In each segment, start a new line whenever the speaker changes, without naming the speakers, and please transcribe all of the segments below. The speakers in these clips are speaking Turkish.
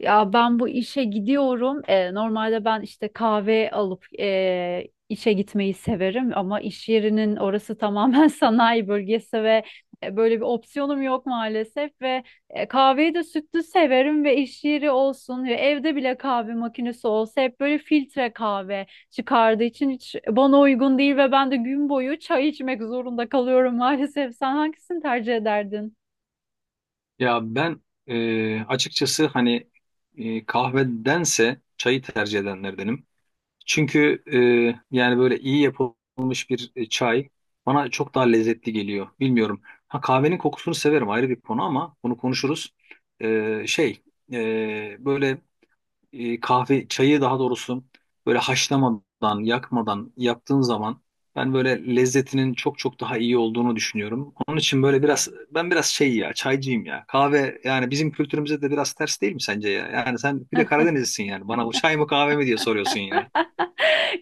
Ya ben bu işe gidiyorum. Normalde ben işte kahve alıp işe gitmeyi severim ama iş yerinin orası tamamen sanayi bölgesi ve böyle bir opsiyonum yok maalesef, ve kahveyi de sütlü severim ve iş yeri olsun ve evde bile kahve makinesi olsa hep böyle filtre kahve çıkardığı için hiç bana uygun değil ve ben de gün boyu çay içmek zorunda kalıyorum maalesef. Sen hangisini tercih ederdin?
Ya ben açıkçası hani kahvedense çayı tercih edenlerdenim. Çünkü yani böyle iyi yapılmış bir çay bana çok daha lezzetli geliyor. Bilmiyorum. Ha, kahvenin kokusunu severim, ayrı bir konu ama bunu konuşuruz. E, şey e, böyle kahve çayı, daha doğrusu, böyle haşlamadan yakmadan yaptığın zaman ben böyle lezzetinin çok çok daha iyi olduğunu düşünüyorum. Onun için böyle biraz ben biraz şey, ya çaycıyım ya. Kahve, yani bizim kültürümüze de biraz ters değil mi sence ya? Yani sen bir de Karadenizlisin yani. Bana bu çay mı kahve mi diye soruyorsun ya.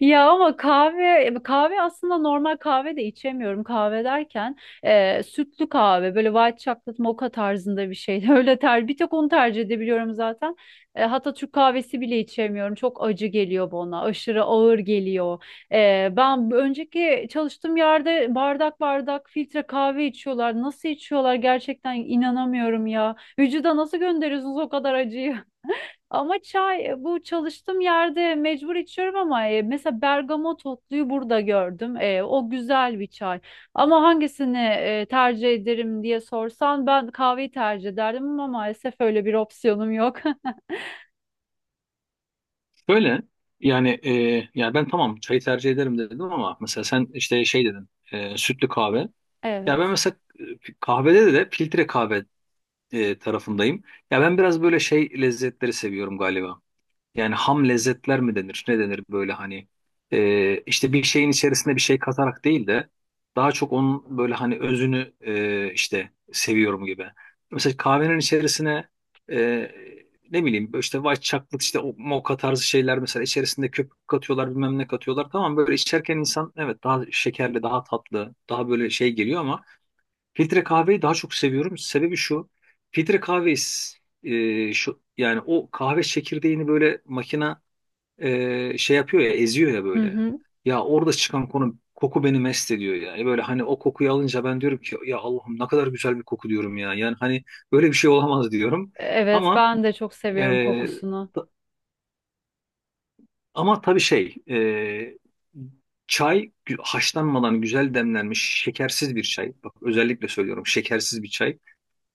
Ya ama kahve aslında normal kahve de içemiyorum. Kahve derken sütlü kahve, böyle white chocolate mocha tarzında bir şey. Öyle ter bir tek onu tercih edebiliyorum zaten. Hatta Türk kahvesi bile içemiyorum. Çok acı geliyor bana. Aşırı ağır geliyor. Ben bu önceki çalıştığım yerde bardak bardak filtre kahve içiyorlar. Nasıl içiyorlar gerçekten inanamıyorum ya. Vücuda nasıl gönderiyorsunuz o kadar acıyı? Ama çay, bu çalıştığım yerde mecbur içiyorum ama mesela bergamot otluyu burada gördüm. O güzel bir çay. Ama hangisini tercih ederim diye sorsan ben kahveyi tercih ederdim ama maalesef öyle bir opsiyonum yok.
Böyle yani, ya ben tamam çayı tercih ederim dedim ama mesela sen işte şey dedin, sütlü kahve. Ya ben
Evet.
mesela kahvede de filtre kahve tarafındayım. Ya ben biraz böyle şey lezzetleri seviyorum galiba. Yani ham lezzetler mi denir? Ne denir böyle hani, işte bir şeyin içerisinde bir şey katarak değil de daha çok onun böyle, hani, özünü işte seviyorum gibi. Mesela kahvenin içerisine e, ne bileyim işte white chocolate, işte o mocha tarzı şeyler, mesela içerisinde köpük katıyorlar, bilmem ne katıyorlar. Tamam, böyle içerken insan evet daha şekerli daha tatlı daha böyle şey geliyor ama filtre kahveyi daha çok seviyorum. Sebebi şu. Filtre kahve, şu yani, o kahve çekirdeğini böyle makina şey yapıyor ya, eziyor ya
Hı
böyle.
hı.
Ya orada çıkan koku beni mest ediyor yani. Böyle hani o kokuyu alınca ben diyorum ki ya, Allah'ım ne kadar güzel bir koku, diyorum ya. Yani hani böyle bir şey olamaz, diyorum.
Evet,
Ama
ben de çok
e,
seviyorum kokusunu.
ta- ama tabii şey, çay haşlanmadan güzel demlenmiş şekersiz bir çay. Bak, özellikle söylüyorum, şekersiz bir çay.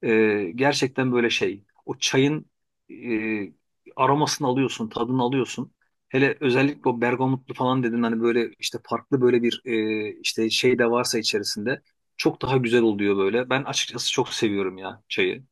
Gerçekten böyle şey. O çayın aromasını alıyorsun, tadını alıyorsun. Hele özellikle o bergamotlu falan dedin hani, böyle işte farklı böyle bir işte şey de varsa içerisinde çok daha güzel oluyor böyle. Ben açıkçası çok seviyorum ya çayı.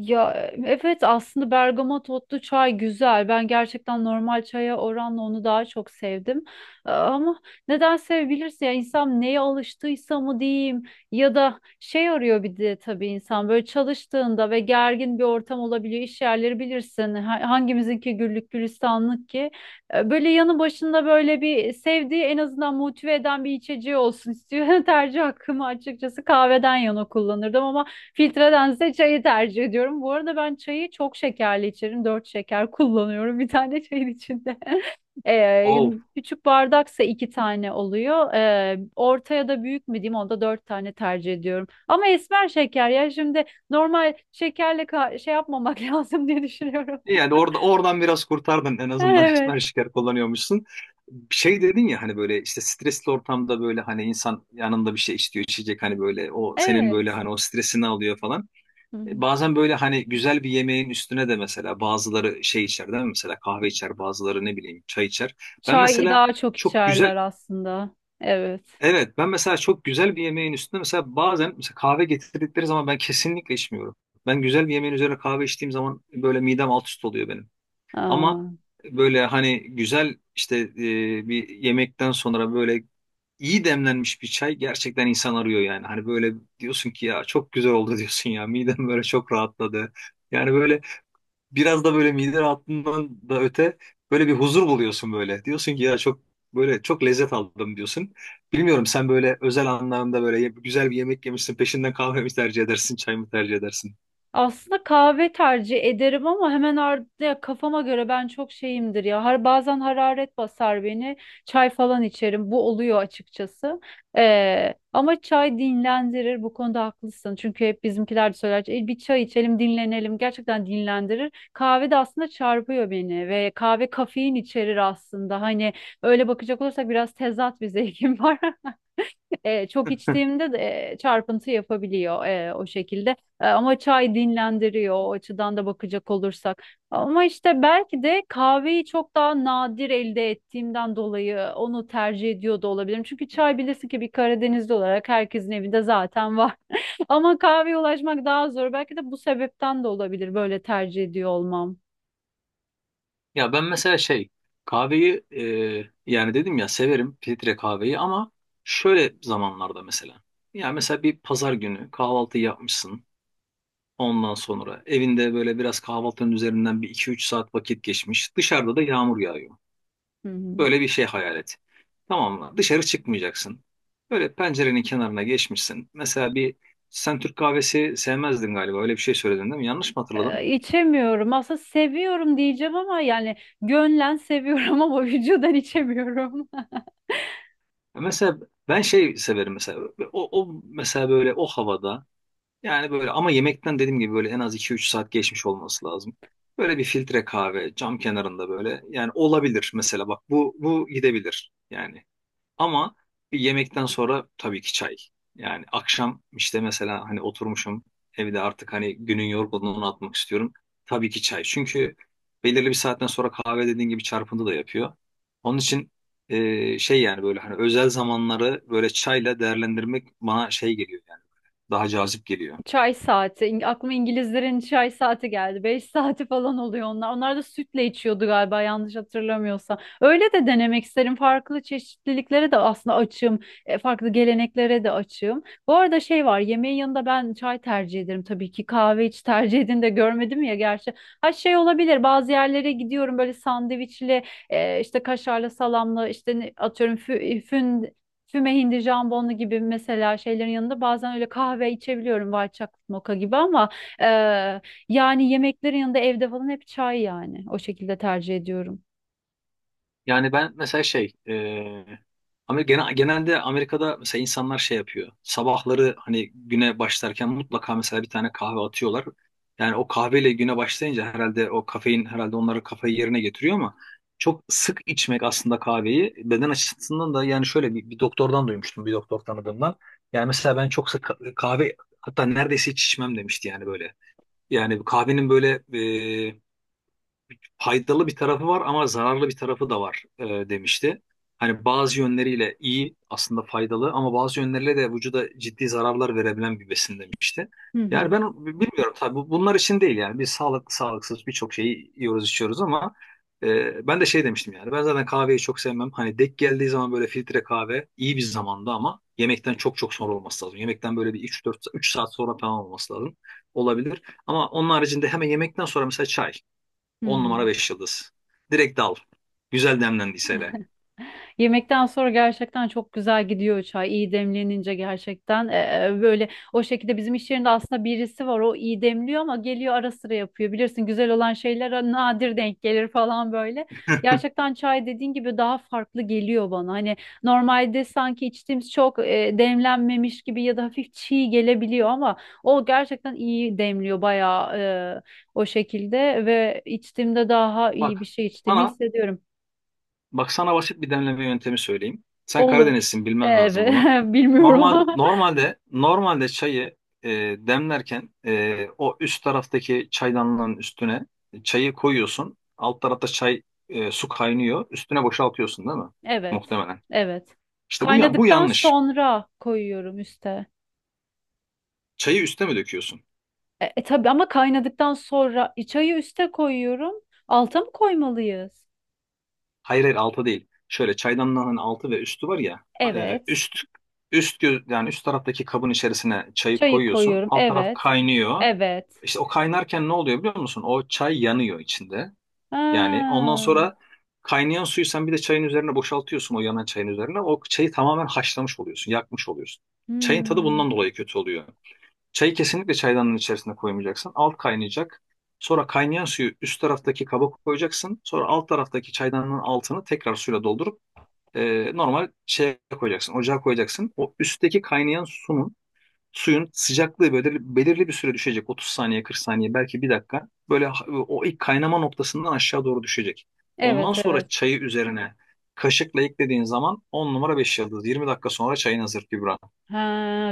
Ya evet, aslında bergama totlu çay güzel. Ben gerçekten normal çaya oranla onu daha çok sevdim. Ama neden sevebilirsin, ya insan neye alıştıysa mı diyeyim ya da şey arıyor, bir de tabii insan böyle çalıştığında ve gergin bir ortam olabiliyor. İş yerleri bilirsin, hangimizinki güllük gülistanlık ki. Böyle yanı başında böyle bir sevdiği, en azından motive eden bir içeceği olsun istiyor. Tercih hakkımı açıkçası kahveden yana kullanırdım ama filtredense çayı tercih ediyorum. Bu arada ben çayı çok şekerli içerim. 4 şeker kullanıyorum bir tane çayın içinde. Ee,
Of.
Küçük bardaksa 2 tane oluyor. Ortaya da büyük mü diyeyim, onda 4 tane tercih ediyorum. Ama esmer şeker ya şimdi, normal şekerle şey yapmamak lazım diye düşünüyorum.
Yani oradan biraz kurtardın en azından
Evet,
esmer şeker kullanıyormuşsun. Şey dedin ya hani, böyle işte stresli ortamda böyle hani insan yanında bir şey istiyor içecek, hani böyle o senin böyle
evet.
hani o stresini alıyor falan.
Hı hı.
Bazen böyle hani güzel bir yemeğin üstüne de mesela bazıları şey içer değil mi? Mesela kahve içer, bazıları ne bileyim çay içer. Ben
Çay
mesela
daha çok
çok
içerler
güzel,
aslında. Evet.
evet, ben mesela çok güzel bir yemeğin üstüne mesela bazen mesela kahve getirdikleri zaman ben kesinlikle içmiyorum. Ben güzel bir yemeğin üzerine kahve içtiğim zaman böyle midem alt üst oluyor benim. Ama
Aa.
böyle hani güzel işte bir yemekten sonra böyle iyi demlenmiş bir çay gerçekten insan arıyor yani. Hani böyle diyorsun ki ya, çok güzel oldu, diyorsun ya, midem böyle çok rahatladı. Yani böyle biraz da böyle mide rahatlığından da öte böyle bir huzur buluyorsun böyle. Diyorsun ki ya, çok böyle çok lezzet aldım, diyorsun. Bilmiyorum, sen böyle özel anlamda böyle güzel bir yemek yemişsin, peşinden kahve mi tercih edersin çay mı tercih edersin?
Aslında kahve tercih ederim ama ya kafama göre ben çok şeyimdir ya. Har bazen hararet basar beni. Çay falan içerim. Bu oluyor açıkçası. Ama çay dinlendirir, bu konuda haklısın. Çünkü hep bizimkiler de söyler: Bir çay içelim, dinlenelim." Gerçekten dinlendirir. Kahve de aslında çarpıyor beni ve kahve kafein içerir aslında. Hani öyle bakacak olursak biraz tezat bir zevkim var. Çok içtiğimde de çarpıntı yapabiliyor o şekilde. Ama çay dinlendiriyor, o açıdan da bakacak olursak. Ama işte belki de kahveyi çok daha nadir elde ettiğimden dolayı onu tercih ediyor da olabilirim. Çünkü çay bilirsin ki bir Karadenizli olarak herkesin evinde zaten var. Ama kahveye ulaşmak daha zor. Belki de bu sebepten de olabilir böyle tercih ediyor olmam.
Ya ben mesela şey, kahveyi yani dedim ya, severim filtre kahveyi, ama şöyle zamanlarda mesela. Ya mesela bir pazar günü kahvaltı yapmışsın. Ondan sonra evinde böyle biraz kahvaltının üzerinden bir iki üç saat vakit geçmiş. Dışarıda da yağmur yağıyor.
Hı hı.
Böyle bir şey hayal et. Tamam mı? Dışarı çıkmayacaksın. Böyle pencerenin kenarına geçmişsin. Mesela bir, sen Türk kahvesi sevmezdin galiba. Öyle bir şey söyledin değil mi? Yanlış mı hatırladım?
İçemiyorum. Aslında seviyorum diyeceğim ama yani gönlen seviyorum ama vücudan içemiyorum.
Mesela ben şey severim mesela. O mesela böyle o havada, yani böyle, ama yemekten dediğim gibi böyle en az iki üç saat geçmiş olması lazım. Böyle bir filtre kahve cam kenarında böyle, yani, olabilir mesela, bak bu gidebilir yani. Ama bir yemekten sonra tabii ki çay. Yani akşam işte mesela hani oturmuşum evde, artık hani günün yorgunluğunu atmak istiyorum. Tabii ki çay. Çünkü belirli bir saatten sonra kahve, dediğin gibi, çarpıntı da yapıyor. Onun için şey, yani böyle hani özel zamanları böyle çayla değerlendirmek bana şey geliyor yani. Daha cazip geliyor.
Çay saati. Aklıma İngilizlerin çay saati geldi. 5 saati falan oluyor onlar. Onlar da sütle içiyordu galiba, yanlış hatırlamıyorsam. Öyle de denemek isterim. Farklı çeşitliliklere de aslında açığım. Farklı geleneklere de açığım. Bu arada şey var, yemeğin yanında ben çay tercih ederim tabii ki. Kahve hiç tercih edin de görmedim ya gerçi. Ha şey olabilir, bazı yerlere gidiyorum böyle sandviçli, işte kaşarlı, salamlı, işte atıyorum fü- fün füme hindi jambonlu gibi mesela şeylerin yanında bazen öyle kahve içebiliyorum, white chocolate mocha gibi, ama e, yani yemeklerin yanında evde falan hep çay yani. O şekilde tercih ediyorum.
Yani ben mesela şey, ama genelde Amerika'da mesela insanlar şey yapıyor. Sabahları hani güne başlarken mutlaka mesela bir tane kahve atıyorlar. Yani o kahveyle güne başlayınca herhalde o kafein herhalde onları kafayı yerine getiriyor ama çok sık içmek aslında kahveyi beden açısından da, yani şöyle, bir doktordan duymuştum, bir doktor tanıdığımdan. Yani mesela ben çok sık kahve, hatta neredeyse hiç içmem demişti yani böyle. Yani kahvenin böyle faydalı bir tarafı var ama zararlı bir tarafı da var, demişti. Hani bazı yönleriyle iyi aslında, faydalı, ama bazı yönleriyle de vücuda ciddi zararlar verebilen bir besin demişti.
Hı hı.
Yani ben bilmiyorum tabii, bunlar için değil yani, biz sağlıklı sağlıksız birçok şeyi yiyoruz içiyoruz ama ben de şey demiştim yani, ben zaten kahveyi çok sevmem. Hani dek geldiği zaman böyle filtre kahve iyi bir zamanda, ama yemekten çok çok sonra olması lazım. Yemekten böyle bir üç dört üç saat sonra falan olması lazım. Olabilir. Ama onun haricinde hemen yemekten sonra mesela çay.
Hı
10 numara
hı.
5 yıldız. Direkt al. Güzel demlendiyse hele.
Yemekten sonra gerçekten çok güzel gidiyor çay. İyi demlenince gerçekten, böyle o şekilde bizim iş yerinde aslında birisi var. O iyi demliyor ama geliyor ara sıra yapıyor. Bilirsin, güzel olan şeyler nadir denk gelir falan böyle. Gerçekten çay dediğin gibi daha farklı geliyor bana. Hani normalde sanki içtiğimiz çok demlenmemiş gibi ya da hafif çiğ gelebiliyor ama o gerçekten iyi demliyor bayağı e, o şekilde, ve içtiğimde daha
Bak
iyi bir şey içtiğimi
sana,
hissediyorum.
bak sana basit bir demleme yöntemi söyleyeyim. Sen
Olur.
Karadenizsin, bilmen lazım
Evet.
bunu.
Bilmiyorum
Normal
ama.
normalde normalde çayı e, demlerken, o üst taraftaki çaydanlığın üstüne çayı koyuyorsun. Alt tarafta su kaynıyor. Üstüne boşaltıyorsun değil mi?
Evet.
Muhtemelen.
Evet.
İşte bu, bu
Kaynadıktan
yanlış.
sonra koyuyorum üste.
Çayı üste mi döküyorsun?
Tabii, ama kaynadıktan sonra çayı üste koyuyorum. Alta mı koymalıyız?
Hayır, hayır, altı değil. Şöyle, çaydanlığın hani altı ve üstü var ya. e,
Evet.
üst yani üst taraftaki kabın içerisine çayı
Çayı
koyuyorsun.
koyuyorum.
Alt taraf
Evet.
kaynıyor.
Evet.
İşte o kaynarken ne oluyor biliyor musun? O çay yanıyor içinde. Yani
Ha.
ondan sonra kaynayan suyu sen bir de çayın üzerine boşaltıyorsun, o yanan çayın üzerine. O çayı tamamen haşlamış oluyorsun, yakmış oluyorsun. Çayın tadı
Hmm.
bundan dolayı kötü oluyor. Çayı kesinlikle çaydanın içerisine koymayacaksın. Alt kaynayacak. Sonra kaynayan suyu üst taraftaki kaba koyacaksın. Sonra alt taraftaki çaydanın altını tekrar suyla doldurup normal şeye koyacaksın. Ocağa koyacaksın. O üstteki kaynayan suyun sıcaklığı belirli bir süre düşecek. 30 saniye, 40 saniye, belki bir dakika. Böyle o ilk kaynama noktasından aşağı doğru düşecek.
Evet,
Ondan sonra
evet.
çayı üzerine kaşıkla eklediğin zaman 10 numara 5 yıldız. 20 dakika sonra çayın hazır Kübra.
Ha,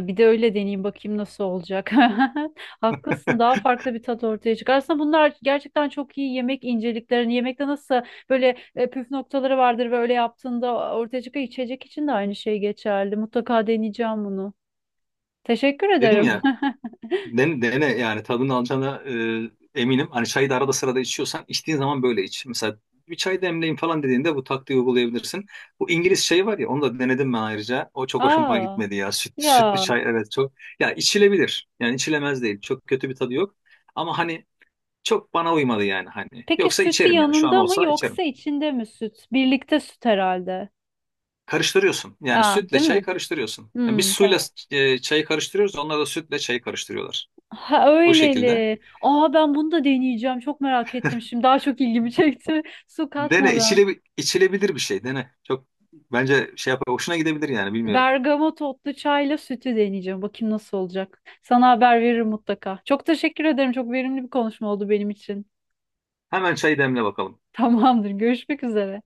bir de öyle deneyeyim bakayım nasıl olacak. Haklısın, daha farklı bir tat ortaya çıkar. Aslında bunlar gerçekten çok iyi, yemek inceliklerini. Yemekte nasıl böyle püf noktaları vardır ve öyle yaptığında ortaya çıkan içecek için de aynı şey geçerli. Mutlaka deneyeceğim bunu. Teşekkür
Dedim
ederim.
ya, dene, dene, yani tadını alacağına eminim. Hani çayı da arada sırada içiyorsan içtiğin zaman böyle iç. Mesela bir çay demleyin falan dediğinde bu taktiği uygulayabilirsin. Bu İngiliz çayı var ya, onu da denedim ben ayrıca. O çok hoşuma
Aa,
gitmedi ya. Sütlü
ya
çay, evet, çok. Ya içilebilir. Yani içilemez değil. Çok kötü bir tadı yok. Ama hani çok bana uymadı yani, hani.
peki
Yoksa
sütü
içerim yani, şu an
yanında mı
olsa içerim.
yoksa içinde mi süt? Birlikte süt herhalde.
Karıştırıyorsun. Yani
Aa,
sütle
değil
çayı
mi?
karıştırıyorsun. Yani biz
Hmm,
suyla
tamam.
çayı karıştırıyoruz. Onlar da sütle çayı karıştırıyorlar.
Ha
O şekilde.
öyleli. Aa, ben bunu da deneyeceğim. Çok merak ettim şimdi. Daha çok ilgimi çekti. Su
Dene,
katmadan.
içilebilir bir şey dene. Çok bence şey yapar, hoşuna gidebilir yani, bilmiyorum.
Bergamot otlu çayla sütü deneyeceğim. Bakayım nasıl olacak. Sana haber veririm mutlaka. Çok teşekkür ederim. Çok verimli bir konuşma oldu benim için.
Hemen çay demle bakalım.
Tamamdır. Görüşmek üzere.